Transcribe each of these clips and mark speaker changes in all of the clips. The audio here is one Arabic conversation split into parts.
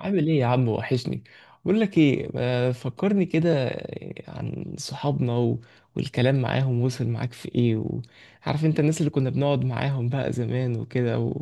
Speaker 1: عامل ايه يا عم؟ وحشني. بقول لك ايه، ما فكرني كده عن صحابنا والكلام معاهم. وصل معاك في ايه؟ وعارف انت الناس اللي كنا بنقعد معاهم بقى زمان وكده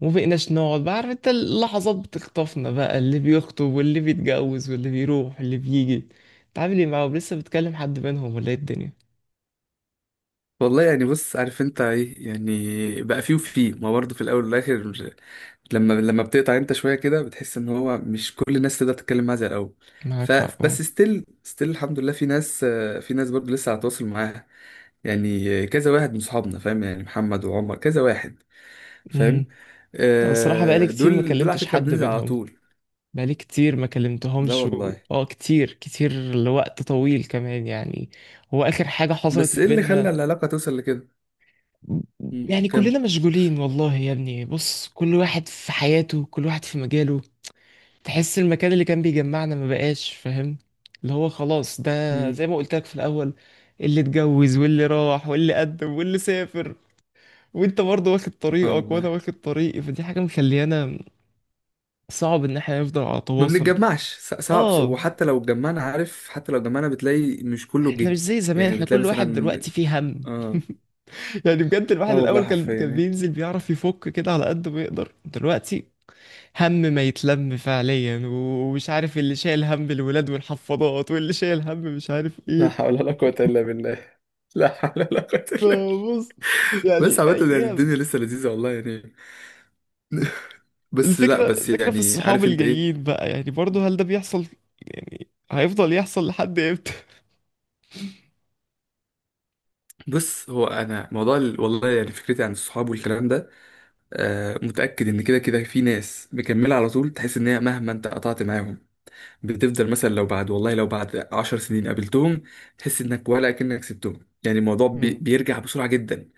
Speaker 1: وما بقيناش نقعد بقى. عارف انت اللحظات بتخطفنا بقى، اللي بيخطب واللي بيتجوز واللي بيروح واللي بيجي. انت عامل ايه معاهم؟ لسه بتكلم حد منهم ولا ايه الدنيا؟
Speaker 2: والله يعني، بص عارف انت ايه، يعني بقى فيه وفيه، ما برضه في الاول والاخر. مش لما بتقطع انت شويه كده، بتحس ان هو مش كل الناس تقدر تتكلم معاها زي الاول.
Speaker 1: معاك حق، اه.
Speaker 2: فبس ستيل الحمد لله، في ناس، في ناس برضه لسه على تواصل معاها. يعني كذا واحد من صحابنا، فاهم يعني محمد وعمر كذا واحد، فاهم.
Speaker 1: مهم. أنا الصراحة بقالي كتير ما
Speaker 2: دول على
Speaker 1: كلمتش
Speaker 2: فكره
Speaker 1: حد
Speaker 2: بننزل على
Speaker 1: منهم،
Speaker 2: طول.
Speaker 1: بقالي كتير ما
Speaker 2: لا
Speaker 1: كلمتهمش
Speaker 2: والله.
Speaker 1: اه، كتير كتير لوقت طويل كمان يعني. هو اخر حاجة حصلت
Speaker 2: بس
Speaker 1: ما
Speaker 2: ايه اللي خلى
Speaker 1: بيننا
Speaker 2: العلاقه توصل لكده؟
Speaker 1: يعني كلنا
Speaker 2: كمل.
Speaker 1: مشغولين والله يا ابني. بص، كل واحد في حياته، كل واحد في مجاله. تحس المكان اللي كان بيجمعنا ما بقاش، فاهم؟ اللي هو خلاص ده،
Speaker 2: مم.
Speaker 1: زي ما قلت لك في الاول، اللي اتجوز واللي راح واللي قدم واللي سافر، وانت برضه واخد
Speaker 2: اه
Speaker 1: طريقك وانا
Speaker 2: والله.
Speaker 1: واخد طريقي. فدي حاجة مخليانا صعب ان احنا نفضل على
Speaker 2: ما
Speaker 1: تواصل.
Speaker 2: بنتجمعش، صعب.
Speaker 1: اه،
Speaker 2: وحتى لو اتجمعنا، عارف حتى لو اتجمعنا بتلاقي مش كله
Speaker 1: احنا
Speaker 2: جه.
Speaker 1: مش زي زمان،
Speaker 2: يعني
Speaker 1: احنا
Speaker 2: بتلاقي
Speaker 1: كل واحد
Speaker 2: مثلا.
Speaker 1: دلوقتي فيه هم
Speaker 2: اه.
Speaker 1: يعني بجد الواحد
Speaker 2: اه والله،
Speaker 1: الاول كان
Speaker 2: حرفيا
Speaker 1: كان
Speaker 2: يعني.
Speaker 1: بينزل بيعرف يفك كده على قد ما يقدر. دلوقتي هم ما يتلم فعليا، ومش عارف اللي شايل هم الولاد والحفاضات، واللي شايل هم مش عارف
Speaker 2: لا حول
Speaker 1: ايه.
Speaker 2: ولا قوة إلا بالله. لا حول ولا قوة إلا بالله.
Speaker 1: فبص،
Speaker 2: بس
Speaker 1: يعني
Speaker 2: عامة يعني
Speaker 1: ايام.
Speaker 2: الدنيا لسه لذيذة، والله يعني. بس لا،
Speaker 1: الفكرة،
Speaker 2: بس
Speaker 1: الفكرة في
Speaker 2: يعني
Speaker 1: الصحاب
Speaker 2: عارف انت ايه.
Speaker 1: الجايين بقى، يعني برضه هل ده بيحصل؟ يعني هيفضل يحصل لحد امتى؟
Speaker 2: بص، هو انا موضوع والله يعني فكرتي عن الصحاب والكلام ده، متأكد ان كده كده في ناس مكملة على طول. تحس ان هي مهما انت قطعت معاهم، بتفضل مثلا لو بعد، والله لو بعد 10 سنين قابلتهم، تحس انك ولا اكنك سبتهم. يعني الموضوع
Speaker 1: مم.
Speaker 2: بيرجع بسرعه جدا.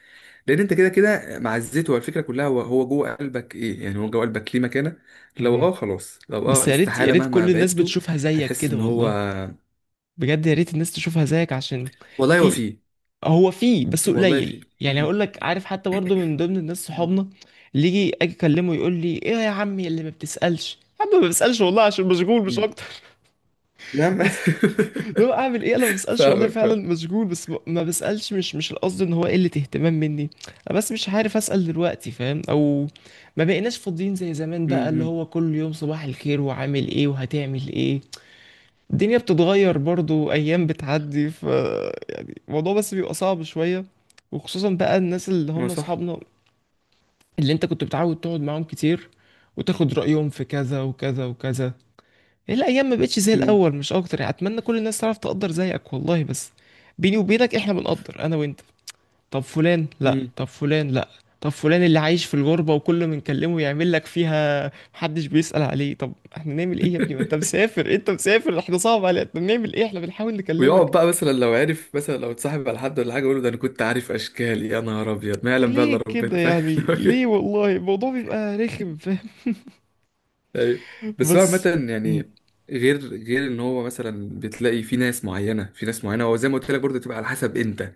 Speaker 2: لان انت كده كده معزته الفكره كلها، هو هو جوه قلبك. ايه يعني، هو جوه قلبك ليه مكانه. لو
Speaker 1: مهم.
Speaker 2: خلاص، لو
Speaker 1: بس يا ريت، يا
Speaker 2: استحاله
Speaker 1: ريت
Speaker 2: مهما
Speaker 1: كل الناس
Speaker 2: بعدته
Speaker 1: بتشوفها زيك
Speaker 2: هتحس
Speaker 1: كده
Speaker 2: ان هو.
Speaker 1: والله. بجد يا ريت الناس تشوفها زيك عشان.
Speaker 2: والله هو
Speaker 1: في،
Speaker 2: فيه.
Speaker 1: هو فيه بس
Speaker 2: والله
Speaker 1: قليل.
Speaker 2: فيه.
Speaker 1: يعني
Speaker 2: مم.
Speaker 1: هقول لك، عارف حتى برضه من ضمن الناس
Speaker 2: مم.
Speaker 1: صحابنا، اللي يجي اجي اكلمه يقول لي ايه يا عمي اللي ما بتسالش. يا عم ما بسالش والله عشان مشغول مش
Speaker 2: مم.
Speaker 1: اكتر.
Speaker 2: يا عم.
Speaker 1: بس لو اعمل ايه؟ انا ما بسالش والله
Speaker 2: فاهمك،
Speaker 1: فعلا
Speaker 2: فاهم.
Speaker 1: مشغول، بس ما بسالش، مش القصد ان هو قله اهتمام مني. انا بس مش عارف اسال دلوقتي، فاهم؟ او ما بقيناش فاضيين زي زمان
Speaker 2: مم.
Speaker 1: بقى، اللي
Speaker 2: مم.
Speaker 1: هو كل يوم صباح الخير، وعامل ايه وهتعمل ايه. الدنيا بتتغير برضو، ايام بتعدي، ف يعني الموضوع بس بيبقى صعب شوية. وخصوصا بقى الناس اللي
Speaker 2: هو
Speaker 1: هم
Speaker 2: صح.
Speaker 1: اصحابنا، اللي انت كنت بتعود تقعد معاهم كتير، وتاخد رأيهم في كذا وكذا وكذا. هي الايام ما بقتش زي
Speaker 2: مم.
Speaker 1: الاول، مش اكتر يعني. اتمنى كل الناس تعرف تقدر زيك والله بس. بيني وبينك احنا بنقدر، انا وانت. طب فلان، لا.
Speaker 2: مم.
Speaker 1: طب فلان، لا. طب فلان اللي عايش في الغربة وكل ما نكلمه يعمل لك فيها محدش بيسأل عليه. طب احنا نعمل ايه يا ابني؟ ما انت مسافر، انت مسافر، احنا صعب علينا، احنا بنعمل ايه؟ احنا بنحاول
Speaker 2: ويقعد
Speaker 1: نكلمك.
Speaker 2: بقى مثلا لو عرف، مثلا لو اتصاحب على حد ولا حاجه، يقول له ده انا كنت عارف اشكال. يا نهار ابيض، ما يعلم بقى الا
Speaker 1: ليه كده
Speaker 2: ربنا، فاهم. اللي
Speaker 1: يعني؟
Speaker 2: هو
Speaker 1: ليه؟
Speaker 2: كده؟
Speaker 1: والله الموضوع بيبقى رخم، فاهم؟
Speaker 2: ايوه. بس هو
Speaker 1: بس
Speaker 2: عامه
Speaker 1: م-
Speaker 2: يعني. غير، غير ان هو مثلا بتلاقي في ناس معينه، في ناس معينه هو زي ما قلت لك برضه، تبقى على حسب انت.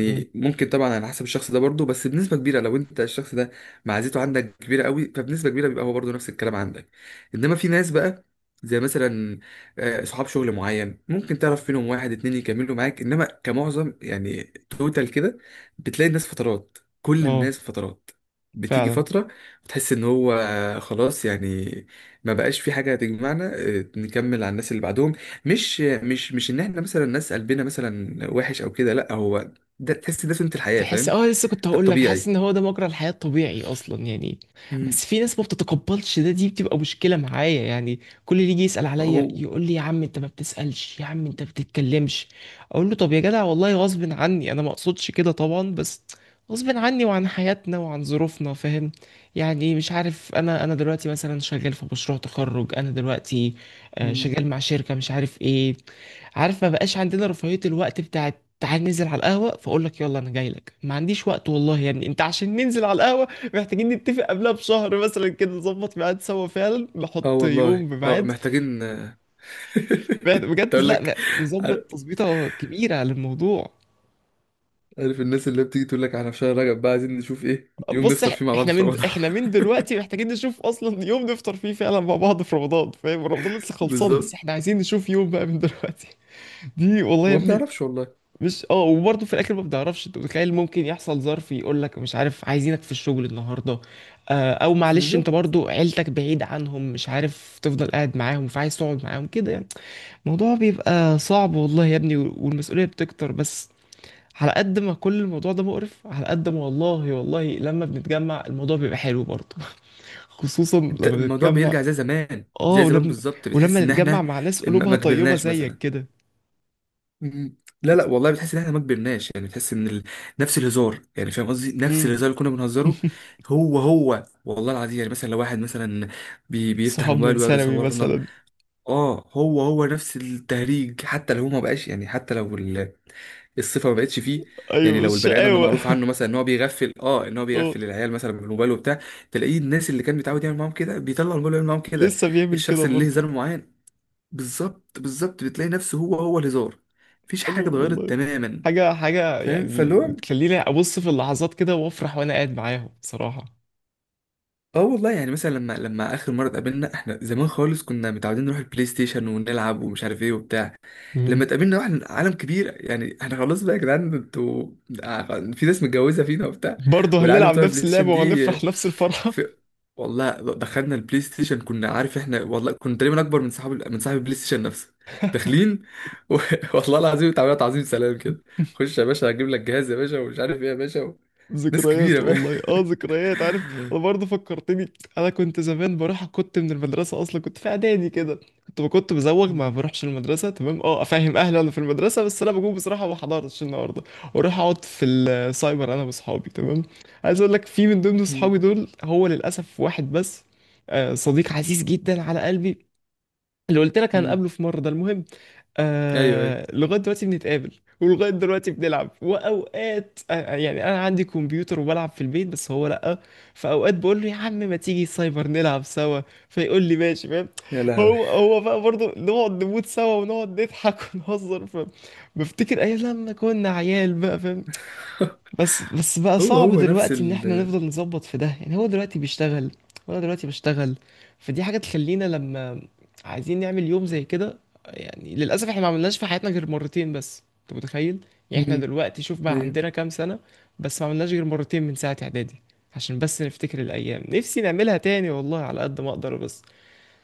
Speaker 1: م.
Speaker 2: ممكن طبعا على حسب الشخص ده برضه، بس بنسبة كبيرة لو انت الشخص ده معزته عندك كبيرة قوي، فبنسبة كبيرة بيبقى هو برضه نفس الكلام عندك. انما في ناس بقى، زي مثلا صحاب شغل معين، ممكن تعرف فيهم واحد اتنين يكملوا معاك، انما كمعظم يعني توتال كده، بتلاقي الناس فترات، كل
Speaker 1: اه
Speaker 2: الناس فترات. بتيجي
Speaker 1: فعلا،
Speaker 2: فترة بتحس ان هو خلاص يعني، ما بقاش في حاجة تجمعنا، نكمل على الناس اللي بعدهم. مش ان احنا مثلا الناس قلبنا مثلا وحش او كده، لا هو ده. تحس ده سنة الحياة،
Speaker 1: بحس
Speaker 2: فاهم.
Speaker 1: اه لسه كنت
Speaker 2: ده
Speaker 1: هقول لك حاسس
Speaker 2: الطبيعي.
Speaker 1: ان هو ده مجرى الحياة الطبيعي اصلا يعني.
Speaker 2: امم.
Speaker 1: بس في ناس ما بتتقبلش ده، دي بتبقى مشكلة معايا يعني. كل اللي يجي يسأل عليا
Speaker 2: هو.
Speaker 1: يقول لي يا عم انت ما بتسألش، يا عم انت ما بتتكلمش. اقول له طب يا جدع، والله غصب عني، انا ما اقصدش كده طبعا، بس غصب عني وعن حياتنا وعن ظروفنا، فاهم؟ يعني مش عارف، انا دلوقتي مثلا شغال في مشروع تخرج، انا دلوقتي آه،
Speaker 2: امم.
Speaker 1: شغال مع شركة مش عارف ايه. عارف ما بقاش عندنا رفاهية الوقت بتاعت تعال ننزل على القهوة، فأقول لك يلا أنا جاي لك. ما عنديش وقت والله يا ابني. أنت عشان ننزل على القهوة محتاجين نتفق قبلها بشهر مثلا كده، نظبط ميعاد سوا فعلا،
Speaker 2: اه
Speaker 1: نحط
Speaker 2: والله،
Speaker 1: يوم بميعاد.
Speaker 2: محتاجين.
Speaker 1: بجد،
Speaker 2: تقول لك.
Speaker 1: لا، نظبط
Speaker 2: عار-
Speaker 1: تظبيطة كبيرة للموضوع.
Speaker 2: عارف الناس اللي بتيجي تقول لك، احنا في شهر رجب بقى عايزين نشوف ايه يوم
Speaker 1: بص،
Speaker 2: نفطر فيه مع بعض
Speaker 1: احنا
Speaker 2: في
Speaker 1: من
Speaker 2: رمضان.
Speaker 1: دلوقتي محتاجين نشوف اصلا يوم نفطر فيه فعلا مع بعض في رمضان. فاهم؟ رمضان لسه خلصان
Speaker 2: بالظبط.
Speaker 1: بس احنا عايزين نشوف يوم بقى من دلوقتي. دي والله يا
Speaker 2: وما
Speaker 1: ابني.
Speaker 2: بنعرفش والله.
Speaker 1: مش اه وبرضه في الاخر ما بتعرفش، انت متخيل؟ ممكن يحصل ظرف يقول لك مش عارف عايزينك في الشغل النهارده، آه، او معلش انت
Speaker 2: بالظبط.
Speaker 1: برضه عيلتك بعيد عنهم مش عارف تفضل قاعد معاهم، فعايز تقعد معاهم كده يعني. الموضوع بيبقى صعب والله يا ابني، والمسؤوليه بتكتر بس. على قد ما كل الموضوع ده مقرف، على قد ما والله والله لما بنتجمع الموضوع بيبقى حلو برضه. خصوصا
Speaker 2: انت
Speaker 1: لما
Speaker 2: الموضوع
Speaker 1: بنتجمع.
Speaker 2: بيرجع زي زمان،
Speaker 1: اه،
Speaker 2: زي زمان
Speaker 1: ولما
Speaker 2: بالظبط، بتحس
Speaker 1: ولما
Speaker 2: ان
Speaker 1: نتجمع
Speaker 2: احنا
Speaker 1: مع ناس
Speaker 2: ما
Speaker 1: قلوبها
Speaker 2: ما
Speaker 1: طيبه
Speaker 2: كبرناش
Speaker 1: زيك
Speaker 2: مثلا.
Speaker 1: كده.
Speaker 2: مم. لا لا والله، بتحس ان احنا ما كبرناش يعني، بتحس ان نفس الهزار يعني، فاهم قصدي، نفس
Speaker 1: امم.
Speaker 2: الهزار اللي كنا بنهزره. هو هو والله العظيم يعني، مثلا لو واحد مثلا بيفتح
Speaker 1: صحاب من
Speaker 2: الموبايل ويقعد
Speaker 1: ثانوي
Speaker 2: يصورنا.
Speaker 1: مثلا.
Speaker 2: اه هو هو نفس التهريج، حتى لو هو ما بقاش يعني، حتى لو الصفه ما بقتش فيه. يعني
Speaker 1: ايوه،
Speaker 2: لو البني ادم ده
Speaker 1: الشقاوة.
Speaker 2: معروف عنه مثلا ان هو بيغفل، ان هو
Speaker 1: اه
Speaker 2: بيغفل العيال مثلا بالموبايل وبتاع، تلاقيه الناس اللي كان بيتعود يعمل معاهم كده بيطلع الموبايل ويعمل معاهم كده.
Speaker 1: لسه بيعمل كده
Speaker 2: الشخص اللي ليه
Speaker 1: برضه.
Speaker 2: هزار معين، بالظبط بالظبط، بتلاقي نفسه هو هو الهزار. مفيش
Speaker 1: حلو
Speaker 2: حاجه اتغيرت
Speaker 1: والله.
Speaker 2: تماما.
Speaker 1: حاجة، حاجة
Speaker 2: فاهم،
Speaker 1: يعني
Speaker 2: فاللي هو
Speaker 1: بتخليني أبص في اللحظات كده وأفرح وأنا قاعد معاهم بصراحة.
Speaker 2: اه والله يعني، مثلا لما اخر مره اتقابلنا، احنا زمان خالص كنا متعودين نروح البلاي ستيشن ونلعب ومش عارف ايه وبتاع.
Speaker 1: مم.
Speaker 2: لما اتقابلنا واحنا عالم كبير يعني، احنا خلاص بقى يا جدعان، انتوا في ناس متجوزه فينا وبتاع،
Speaker 1: برضه
Speaker 2: والعيال
Speaker 1: هنلعب
Speaker 2: بتوع
Speaker 1: نفس
Speaker 2: البلاي ستيشن
Speaker 1: اللعبة
Speaker 2: دي.
Speaker 1: وهنفرح نفس الفرحة.
Speaker 2: في، والله دخلنا البلاي ستيشن كنا عارف احنا، والله كنا تقريبا اكبر من صاحب البلاي ستيشن نفسه. داخلين و... والله العظيم تعبيرات تعظيم سلام كده. خش يا باشا، هجيب لك جهاز يا باشا، ومش عارف ايه يا باشا ناس
Speaker 1: ذكريات
Speaker 2: كبيره بقى.
Speaker 1: والله، اه ذكريات. عارف، انا برضه فكرتني. انا كنت زمان بروح، كنت من المدرسه اصلا كنت في اعدادي كده. كنت بزوغ، ما بروحش المدرسه، تمام، اه، افهم اهلي انا في المدرسه بس انا بجوم بصراحه ما حضرتش النهارده. واروح اقعد في السايبر انا واصحابي، تمام. عايز اقول لك في من ضمن
Speaker 2: مم.
Speaker 1: اصحابي دول، هو للاسف واحد بس، آه، صديق عزيز جدا على قلبي. اللي قلت لك
Speaker 2: مم.
Speaker 1: هنقابله في مرة، ده المهم.
Speaker 2: ايوه ايوه.
Speaker 1: آه لغاية دلوقتي بنتقابل. ولغاية دلوقتي بنلعب، وأوقات آه يعني أنا عندي كمبيوتر وبلعب في البيت بس هو لأ. فأوقات بقول له يا عم ما تيجي سايبر نلعب سوا. فيقول لي ماشي، فاهم؟
Speaker 2: يا لهوي.
Speaker 1: هو بقى برضه نقعد نموت سوا ونقعد نضحك ونهزر بفتكر أيام لما كنا عيال بقى، فاهم؟ بس بقى
Speaker 2: هو
Speaker 1: صعب
Speaker 2: هو نفس
Speaker 1: دلوقتي ان احنا نفضل نظبط في ده يعني. هو دلوقتي بيشتغل وانا دلوقتي بشتغل. فدي حاجة تخلينا لما عايزين نعمل يوم زي كده. يعني للأسف احنا ما عملناش في حياتنا غير مرتين بس، انت متخيل؟ يعني
Speaker 2: مم.
Speaker 1: احنا دلوقتي شوف بقى
Speaker 2: ايوه.
Speaker 1: عندنا كام سنة. بس ما عملناش غير مرتين من ساعة اعدادي. عشان بس نفتكر الأيام. نفسي نعملها تاني والله، على قد ما أقدر بس.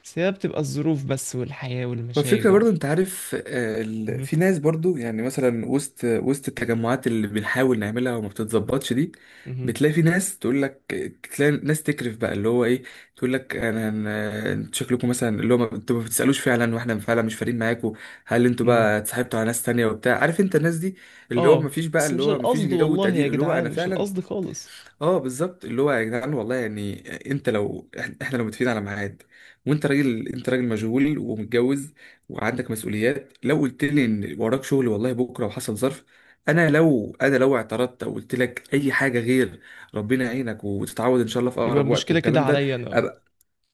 Speaker 1: بس هي بتبقى الظروف بس، والحياة
Speaker 2: والفكرة
Speaker 1: والمشاغل.
Speaker 2: برضو انت عارف
Speaker 1: مهم.
Speaker 2: في ناس برضو يعني مثلا وسط، وسط التجمعات اللي بنحاول نعملها وما بتتظبطش دي،
Speaker 1: مهم.
Speaker 2: بتلاقي في ناس تقول لك، تلاقي ناس تكرف بقى اللي هو ايه، تقول لك انا، انتوا شكلكم مثلا اللي هو، انتوا ما بتسالوش فعلا، واحنا فعلا مش فارقين معاكم. هل انتوا
Speaker 1: مم.
Speaker 2: بقى اتصاحبتوا على ناس تانية وبتاع، عارف انت الناس دي اللي هو ما
Speaker 1: اه
Speaker 2: فيش بقى،
Speaker 1: بس
Speaker 2: اللي
Speaker 1: مش
Speaker 2: هو ما فيش
Speaker 1: القصد
Speaker 2: جو
Speaker 1: والله يا
Speaker 2: تقدير، اللي هو انا
Speaker 1: جدعان، مش
Speaker 2: فعلا.
Speaker 1: القصد خالص.
Speaker 2: اه بالظبط، اللي هو يا جدعان والله يعني، انت لو احنا لو متفقين على ميعاد، وانت راجل، انت راجل مشغول ومتجوز وعندك مسؤوليات، لو قلت لي ان وراك شغل والله بكره وحصل ظرف، انا لو اعترضت او قلت لك اي حاجه غير ربنا يعينك وتتعود ان شاء الله في
Speaker 1: يبقى
Speaker 2: اقرب وقت
Speaker 1: المشكلة كده
Speaker 2: والكلام ده،
Speaker 1: عليا انا، اه.
Speaker 2: ابقى.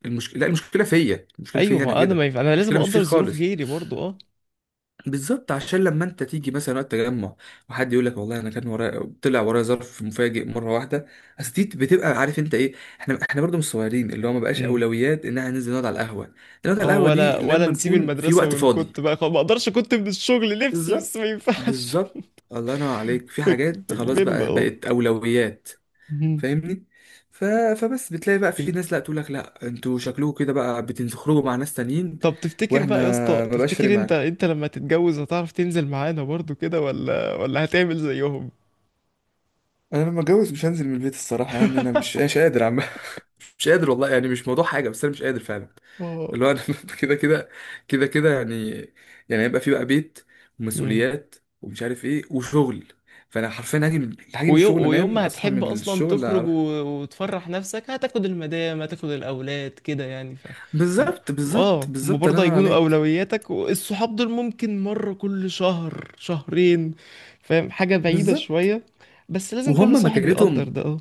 Speaker 2: المشكله، لا المشكله فيا، المشكله
Speaker 1: ايوه،
Speaker 2: فيا انا
Speaker 1: ما انا ما
Speaker 2: كده.
Speaker 1: ينفع، انا لازم
Speaker 2: المشكله مش فيك
Speaker 1: اقدر ظروف
Speaker 2: خالص.
Speaker 1: غيري برضو، اه.
Speaker 2: بالظبط، عشان لما انت تيجي مثلا وقت تجمع، وحد يقول لك والله انا كان ورايا، طلع ورايا ظرف مفاجئ مره واحده، اصل دي بتبقى عارف انت ايه، احنا برضه مش صغيرين، اللي هو ما بقاش
Speaker 1: امم.
Speaker 2: اولويات ان احنا ننزل نقعد على القهوه. نقعد على
Speaker 1: اه،
Speaker 2: القهوه دي
Speaker 1: ولا
Speaker 2: لما
Speaker 1: نسيب
Speaker 2: نكون في
Speaker 1: المدرسة
Speaker 2: وقت فاضي.
Speaker 1: ونكت بقى؟ خلاص ما اقدرش، كنت من الشغل نفسي بس
Speaker 2: بالظبط،
Speaker 1: ما ينفعش.
Speaker 2: بالظبط، الله ينور عليك، في حاجات خلاص
Speaker 1: فكبرنا،
Speaker 2: بقى
Speaker 1: اه.
Speaker 2: بقت اولويات.
Speaker 1: مم.
Speaker 2: فاهمني. ف... فبس بتلاقي بقى في ناس، لا تقول لك لا انتوا شكلكم كده بقى بتخرجوا مع ناس تانيين،
Speaker 1: طب تفتكر
Speaker 2: واحنا
Speaker 1: بقى يا اسطى؟
Speaker 2: ما بقاش فارق
Speaker 1: تفتكر انت
Speaker 2: معانا.
Speaker 1: انت لما تتجوز هتعرف تنزل معانا برضو كده، ولا هتعمل زيهم؟
Speaker 2: انا لما اتجوز، مش هنزل من البيت الصراحه يعني. انا مش قادر عم. مش قادر والله يعني، مش موضوع حاجه، بس انا مش قادر فعلا.
Speaker 1: اه،
Speaker 2: اللي هو انا كده كده، كده كده يعني. يعني هيبقى في بقى بيت ومسؤوليات ومش عارف ايه وشغل. فانا حرفيا هاجي من
Speaker 1: ويوم،
Speaker 2: الشغل
Speaker 1: ويوم
Speaker 2: انام،
Speaker 1: ما
Speaker 2: اصحى
Speaker 1: هتحب
Speaker 2: من
Speaker 1: اصلا
Speaker 2: الشغل
Speaker 1: تخرج
Speaker 2: اروح.
Speaker 1: وتفرح نفسك هتاخد المدام، هتاخد الاولاد كده يعني ف هم...
Speaker 2: بالظبط بالظبط
Speaker 1: اه، هم
Speaker 2: بالظبط، الله
Speaker 1: برضه
Speaker 2: ينور
Speaker 1: هيكونوا
Speaker 2: عليك.
Speaker 1: اولوياتك، والصحاب دول ممكن مره كل شهر شهرين، فاهم؟ حاجه بعيده
Speaker 2: بالظبط.
Speaker 1: شويه. بس لازم
Speaker 2: وهم
Speaker 1: كل صاحب يقدر
Speaker 2: مكانتهم،
Speaker 1: ده، اه.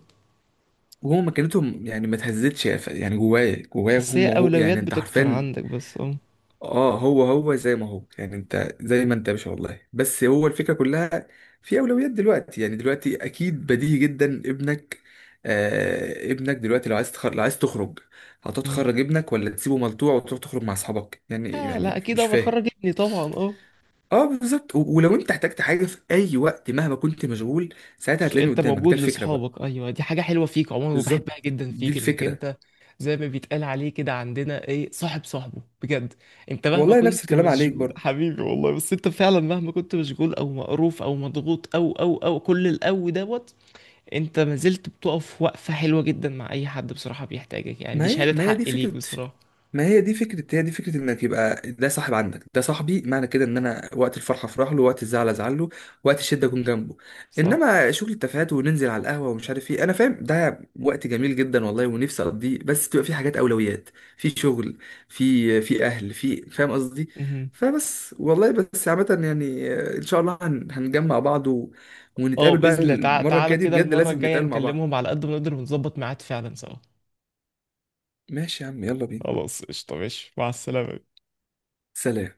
Speaker 2: وهم مكانتهم يعني ما تهزتش يعني، جوايا جوايا
Speaker 1: بس هي
Speaker 2: هم هو
Speaker 1: اولويات
Speaker 2: يعني انت
Speaker 1: بتكتر
Speaker 2: عارفين.
Speaker 1: عندك بس، اه.
Speaker 2: اه هو هو زي ما هو يعني، انت زي ما انت يا باشا والله. بس هو الفكره كلها، في اولويات دلوقتي يعني، دلوقتي اكيد بديهي جدا ابنك، ابنك دلوقتي، لو عايز تخرج، لو عايز تخرج
Speaker 1: مم.
Speaker 2: هتتخرج ابنك، ولا تسيبه ملطوع وتروح تخرج مع اصحابك؟ يعني
Speaker 1: لا، لا
Speaker 2: يعني
Speaker 1: اكيد
Speaker 2: مش
Speaker 1: ابقى
Speaker 2: فاهم.
Speaker 1: اخرج ابني طبعا، اه.
Speaker 2: اه بالظبط، ولو انت احتجت حاجه في اي وقت مهما كنت مشغول ساعتها، هتلاقيني
Speaker 1: انت
Speaker 2: قدامك. ده
Speaker 1: موجود
Speaker 2: الفكره بقى.
Speaker 1: لاصحابك، ايوه، دي حاجه حلوه فيك عموما
Speaker 2: بالظبط،
Speaker 1: وبحبها جدا
Speaker 2: دي
Speaker 1: فيك، انك
Speaker 2: الفكره.
Speaker 1: انت زي ما بيتقال عليه كده عندنا ايه، صاحب صاحبه بجد. انت مهما
Speaker 2: والله نفس
Speaker 1: كنت
Speaker 2: الكلام عليك
Speaker 1: مشغول
Speaker 2: برضه.
Speaker 1: حبيبي والله، بس انت فعلا مهما كنت مشغول او مقروف او مضغوط او او او كل الاو دوت، انت ما زلت بتقف وقفه حلوه جدا مع اي حد بصراحه بيحتاجك، يعني
Speaker 2: ما
Speaker 1: دي
Speaker 2: هي
Speaker 1: شهاده
Speaker 2: ما هي دي
Speaker 1: حق
Speaker 2: فكرة،
Speaker 1: ليك بصراحه.
Speaker 2: ما هي دي فكرة، هي دي فكرة انك يبقى ده صاحب عندك، ده صاحبي معنى كده ان انا وقت الفرحة افرح له، وقت الزعل ازعل له، وقت الشدة اكون جنبه.
Speaker 1: صح.
Speaker 2: انما شغل التفاهات وننزل على القهوة ومش عارف ايه، انا فاهم ده وقت جميل جدا والله ونفسي اقضيه، بس بتبقى في حاجات اولويات، في شغل، في اهل، في فاهم قصدي.
Speaker 1: مهم.
Speaker 2: فبس والله، بس عامة يعني، ان شاء الله هنجمع بعض
Speaker 1: اه
Speaker 2: ونتقابل بقى.
Speaker 1: باذن الله
Speaker 2: المرة
Speaker 1: تعالى،
Speaker 2: الجاية دي
Speaker 1: كده
Speaker 2: بجد
Speaker 1: المره
Speaker 2: لازم
Speaker 1: الجايه
Speaker 2: نتقابل مع بعض.
Speaker 1: نكلمهم على قد ما نقدر، ونظبط ميعاد فعلا سوا.
Speaker 2: ماشي يا عم، يلا بينا.
Speaker 1: خلاص، قشطه، ماشي، مع السلامه.
Speaker 2: سلام.